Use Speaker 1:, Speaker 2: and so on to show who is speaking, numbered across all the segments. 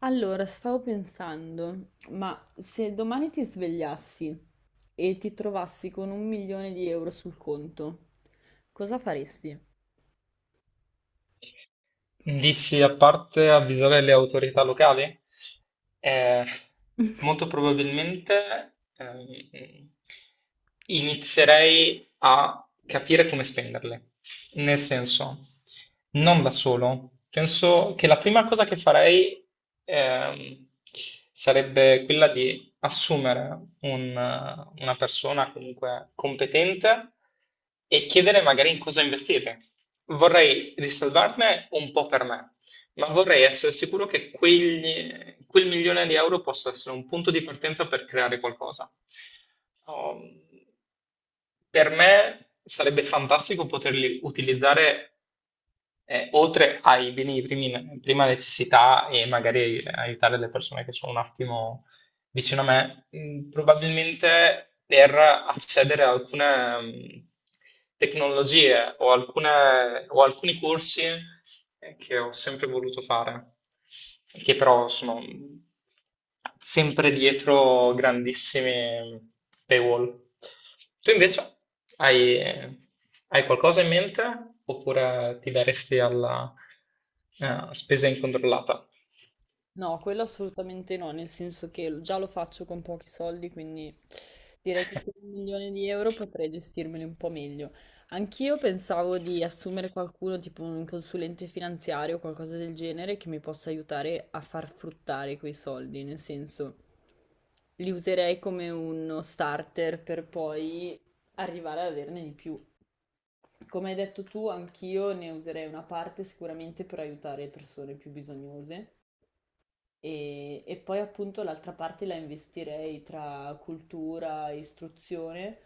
Speaker 1: Allora, stavo pensando, ma se domani ti svegliassi e ti trovassi con un milione di euro sul conto, cosa faresti?
Speaker 2: Dici a parte avvisare le autorità locali? Eh, Molto probabilmente inizierei a capire come spenderle. Nel senso, non da solo. Penso che la prima cosa che farei ehm, sarebbe quella di assumere una persona comunque competente e chiedere magari in cosa investire. Vorrei riservarne un po' per me, ma vorrei essere sicuro che quel milione di euro possa essere un punto di partenza per creare qualcosa. Um, per me sarebbe fantastico poterli utilizzare oltre ai beni di prima necessità e magari aiutare le persone che sono un attimo vicino a me, probabilmente per accedere a alcune tecnologie o, o alcuni corsi che ho sempre voluto fare, e che però sono sempre dietro grandissimi paywall. Tu invece hai, hai qualcosa in mente oppure ti daresti alla spesa incontrollata?
Speaker 1: No, quello assolutamente no, nel senso che già lo faccio con pochi soldi, quindi direi che con un milione di euro potrei gestirmeli un po' meglio. Anch'io pensavo di assumere qualcuno, tipo un consulente finanziario o qualcosa del genere, che mi possa aiutare a far fruttare quei soldi, nel senso li userei come uno starter per poi arrivare ad averne di più. Come hai detto tu, anch'io ne userei una parte sicuramente per aiutare persone più bisognose. E poi appunto l'altra parte la investirei tra cultura, istruzione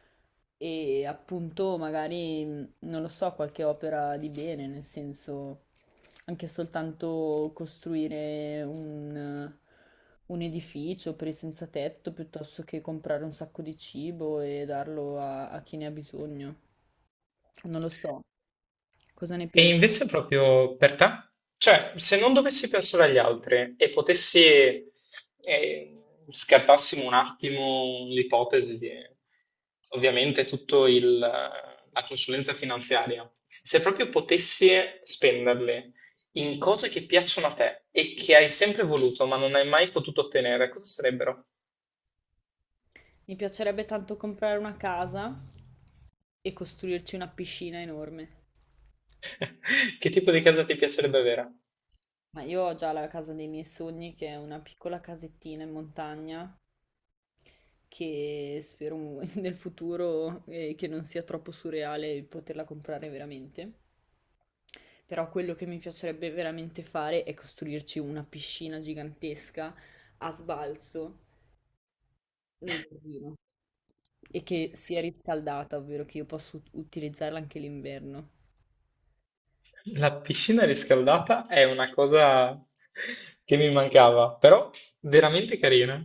Speaker 1: e appunto magari, non lo so, qualche opera di bene, nel senso anche soltanto costruire un edificio per i senza tetto piuttosto che comprare un sacco di cibo e darlo a chi ne ha bisogno. Non lo so, cosa ne
Speaker 2: E
Speaker 1: pensi?
Speaker 2: invece proprio per te? Cioè, se non dovessi pensare agli altri e potessi, eh, scartassimo un attimo l'ipotesi di ovviamente la consulenza finanziaria, se proprio potessi spenderli in cose che piacciono a te e che hai sempre voluto ma non hai mai potuto ottenere, cosa sarebbero?
Speaker 1: Mi piacerebbe tanto comprare una casa e costruirci una piscina enorme.
Speaker 2: Che tipo di casa ti piacerebbe avere?
Speaker 1: Ma io ho già la casa dei miei sogni, che è una piccola casettina in montagna, che spero nel futuro che non sia troppo surreale poterla comprare veramente. Però quello che mi piacerebbe veramente fare è costruirci una piscina gigantesca a sbalzo nel giardino e che sia riscaldata, ovvero che io possa utilizzarla anche l'inverno.
Speaker 2: La piscina riscaldata è una cosa che mi mancava, però veramente carina.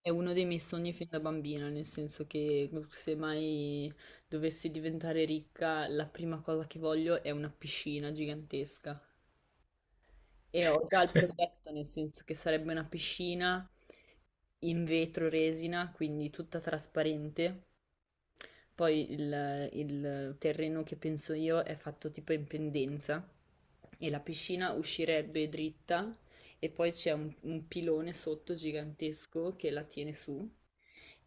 Speaker 1: È uno dei miei sogni fin da bambina, nel senso che se mai dovessi diventare ricca, la prima cosa che voglio è una piscina gigantesca. E ho già il progetto, nel senso che sarebbe una piscina in vetro resina, quindi tutta trasparente. Poi il terreno che penso io è fatto tipo in pendenza e la piscina uscirebbe dritta e poi c'è un pilone sotto gigantesco che la tiene su.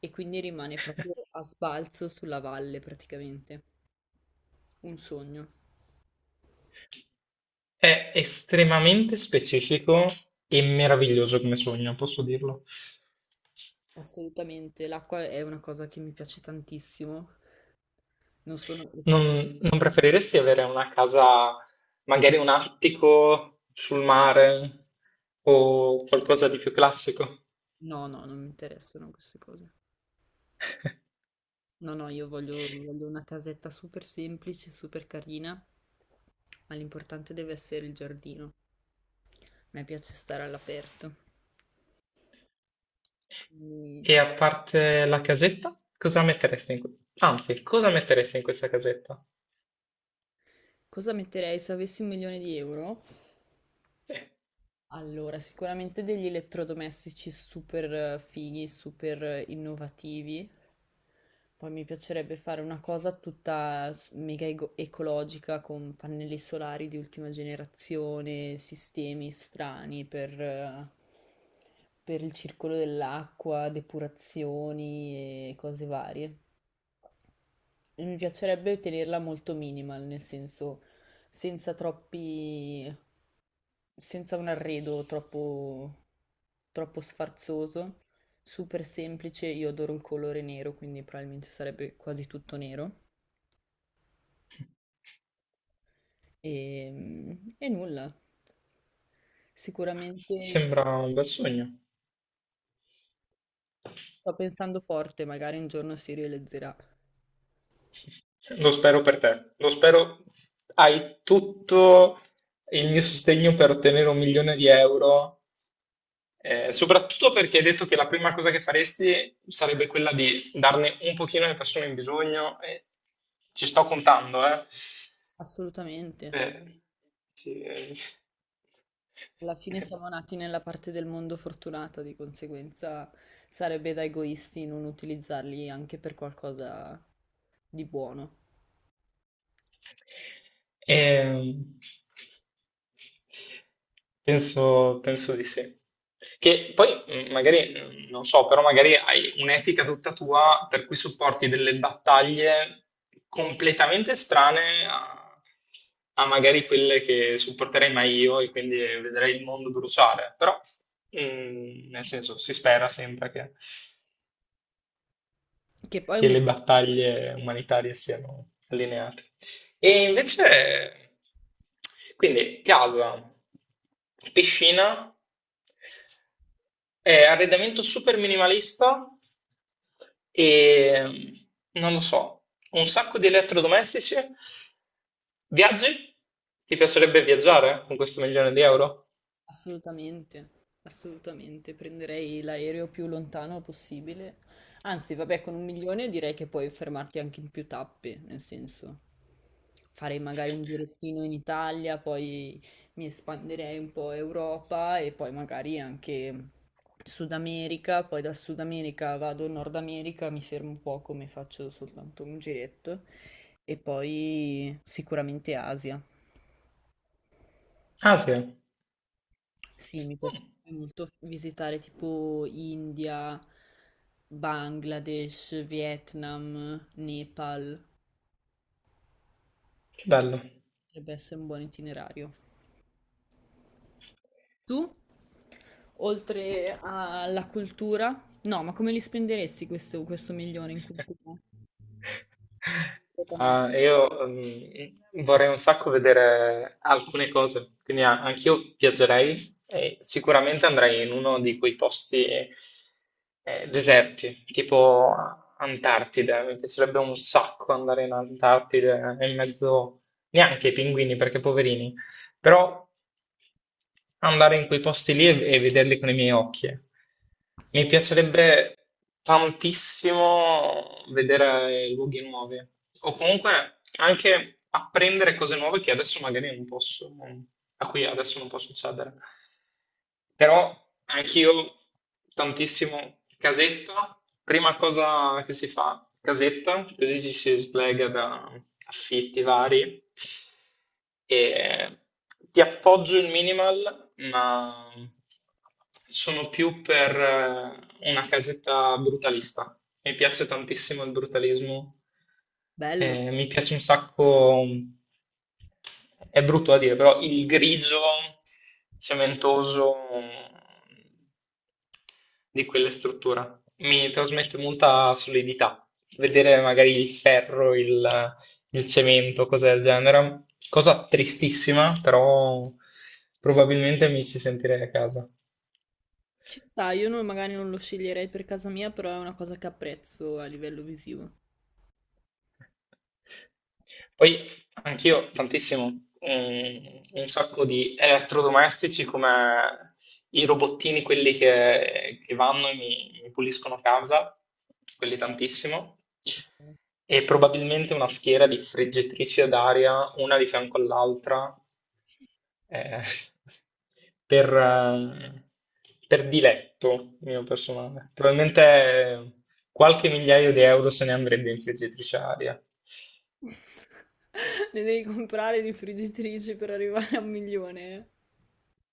Speaker 1: E quindi rimane proprio a sbalzo sulla valle praticamente. Un sogno.
Speaker 2: È estremamente specifico e meraviglioso come sogno, posso dirlo.
Speaker 1: Assolutamente. L'acqua è una cosa che mi piace tantissimo. Non sono
Speaker 2: Non,
Speaker 1: esper-
Speaker 2: non preferiresti avere una casa, magari un attico sul mare o qualcosa di più classico?
Speaker 1: No, no, non mi interessano queste cose. No, no, io voglio una casetta super semplice, super carina, ma l'importante deve essere il giardino. A me piace stare all'aperto. Quindi,
Speaker 2: E a parte la casetta, cosa metteresti in Anzi, cosa metteresti in questa casetta?
Speaker 1: cosa metterei se avessi un milione di euro? Allora, sicuramente degli elettrodomestici super fighi, super innovativi. Poi mi piacerebbe fare una cosa tutta mega ecologica con pannelli solari di ultima generazione, sistemi strani per il circolo dell'acqua, depurazioni e cose varie. E mi piacerebbe tenerla molto minimal, nel senso senza troppi, senza un arredo troppo troppo sfarzoso, super semplice. Io adoro il colore nero, quindi probabilmente sarebbe quasi tutto nero. E nulla. Sicuramente
Speaker 2: Sembra un bel sogno.
Speaker 1: sto pensando forte, magari un giorno si realizzerà.
Speaker 2: Lo spero per te. Lo spero. Hai tutto il mio sostegno per ottenere un milione di euro, soprattutto perché hai detto che la prima cosa che faresti sarebbe quella di darne un pochino alle persone in bisogno. E ci sto contando, eh.
Speaker 1: Assolutamente.
Speaker 2: Eh, sì, eh.
Speaker 1: Alla fine siamo nati nella parte del mondo fortunata, di conseguenza sarebbe da egoisti non utilizzarli anche per qualcosa di buono.
Speaker 2: Ehm, penso di sì. Che poi magari, non so, però magari hai un'etica tutta tua per cui supporti delle battaglie completamente strane a magari quelle che supporterei mai io e quindi vedrei il mondo bruciare. Però, nel senso, si spera sempre che
Speaker 1: Che poi
Speaker 2: che
Speaker 1: un.
Speaker 2: le battaglie umanitarie siano allineate. E invece, quindi casa, piscina, arredamento super minimalista e non lo so, un sacco di elettrodomestici, viaggi? Ti piacerebbe viaggiare con questo milione di euro?
Speaker 1: Assolutamente, assolutamente. Prenderei l'aereo più lontano possibile. Anzi, vabbè, con un milione direi che puoi fermarti anche in più tappe, nel senso, farei magari un girettino in Italia, poi mi espanderei un po' Europa e poi magari anche Sud America, poi da Sud America vado in Nord America, mi fermo un po' come faccio soltanto un giretto e poi sicuramente Asia.
Speaker 2: Ah, sì.
Speaker 1: Sì, mi
Speaker 2: Mm.
Speaker 1: piacerebbe molto visitare tipo India, Bangladesh, Vietnam, Nepal.
Speaker 2: Che bello.
Speaker 1: Potrebbe essere un buon itinerario. Tu, oltre alla cultura, no, ma come li spenderesti questo milione in cultura? Completamente.
Speaker 2: Ah, io vorrei un sacco vedere alcune cose, quindi anch'io viaggerei e sicuramente andrei in uno di quei posti deserti, tipo Antartide. Mi piacerebbe un sacco andare in Antartide in mezzo neanche ai pinguini, perché poverini, però andare in quei posti lì e vederli con i miei occhi. Eh. Mi piacerebbe tantissimo vedere i luoghi nuovi o comunque anche apprendere cose nuove che adesso magari non posso, a cui adesso non posso accedere. Però anch'io tantissimo casetta, prima cosa che si fa, casetta, così ci si slega da affitti vari e ti appoggio il minimal ma sono più per una casetta brutalista. Mi piace tantissimo il brutalismo
Speaker 1: Bello.
Speaker 2: mi piace un sacco, è brutto da dire, però il grigio cementoso di quella struttura mi trasmette molta solidità. Vedere magari il ferro, il cemento, cose del genere, cosa tristissima, però probabilmente mi ci sentirei a casa.
Speaker 1: Ci sta, io non- magari non lo sceglierei per casa mia, però è una cosa che apprezzo a livello visivo.
Speaker 2: Poi anch'io tantissimo, mm, un sacco di elettrodomestici come i robottini, quelli che vanno e mi puliscono casa, quelli tantissimo, e probabilmente una schiera di friggitrici d'aria, una di fianco all'altra, eh, per, eh, per diletto mio personale. Probabilmente qualche migliaio di euro se ne andrebbe in friggitrice d'aria.
Speaker 1: Ne devi comprare di friggitrici per arrivare a un milione. Eh.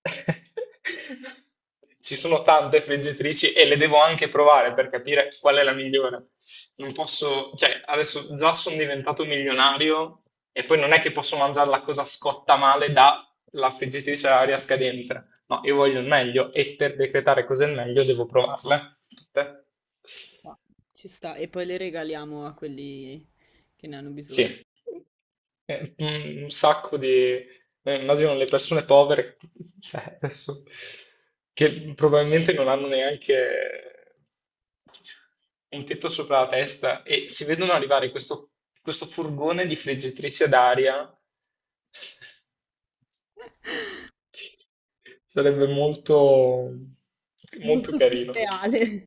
Speaker 2: Ci sono tante friggitrici e le devo anche provare per capire qual è la migliore. Non posso, cioè, adesso già sono diventato milionario e poi non è che posso mangiare la cosa scotta male dalla friggitrice ad aria scadente. No, io voglio il meglio e per decretare cos'è il meglio devo provarle tutte.
Speaker 1: Ma. Ci sta, e poi le regaliamo a quelli che ne hanno bisogno.
Speaker 2: Sì. Un sacco di... immagino le persone povere, cioè, adesso, che probabilmente non hanno neanche un tetto sopra la testa e si vedono arrivare questo, questo furgone di friggitrici ad aria. Sarebbe molto, molto
Speaker 1: Molto
Speaker 2: carino.
Speaker 1: surreale.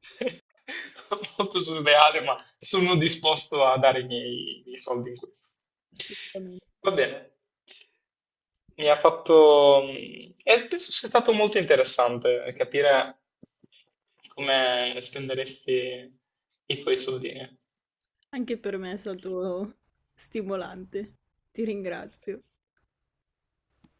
Speaker 2: Molto surreale, ma sono disposto a dare i miei soldi in questo.
Speaker 1: Assolutamente.
Speaker 2: Va bene, mi ha fatto... mm, E penso sia stato molto interessante capire come spenderesti i tuoi soldini.
Speaker 1: Anche per me è stato stimolante. Ti ringrazio.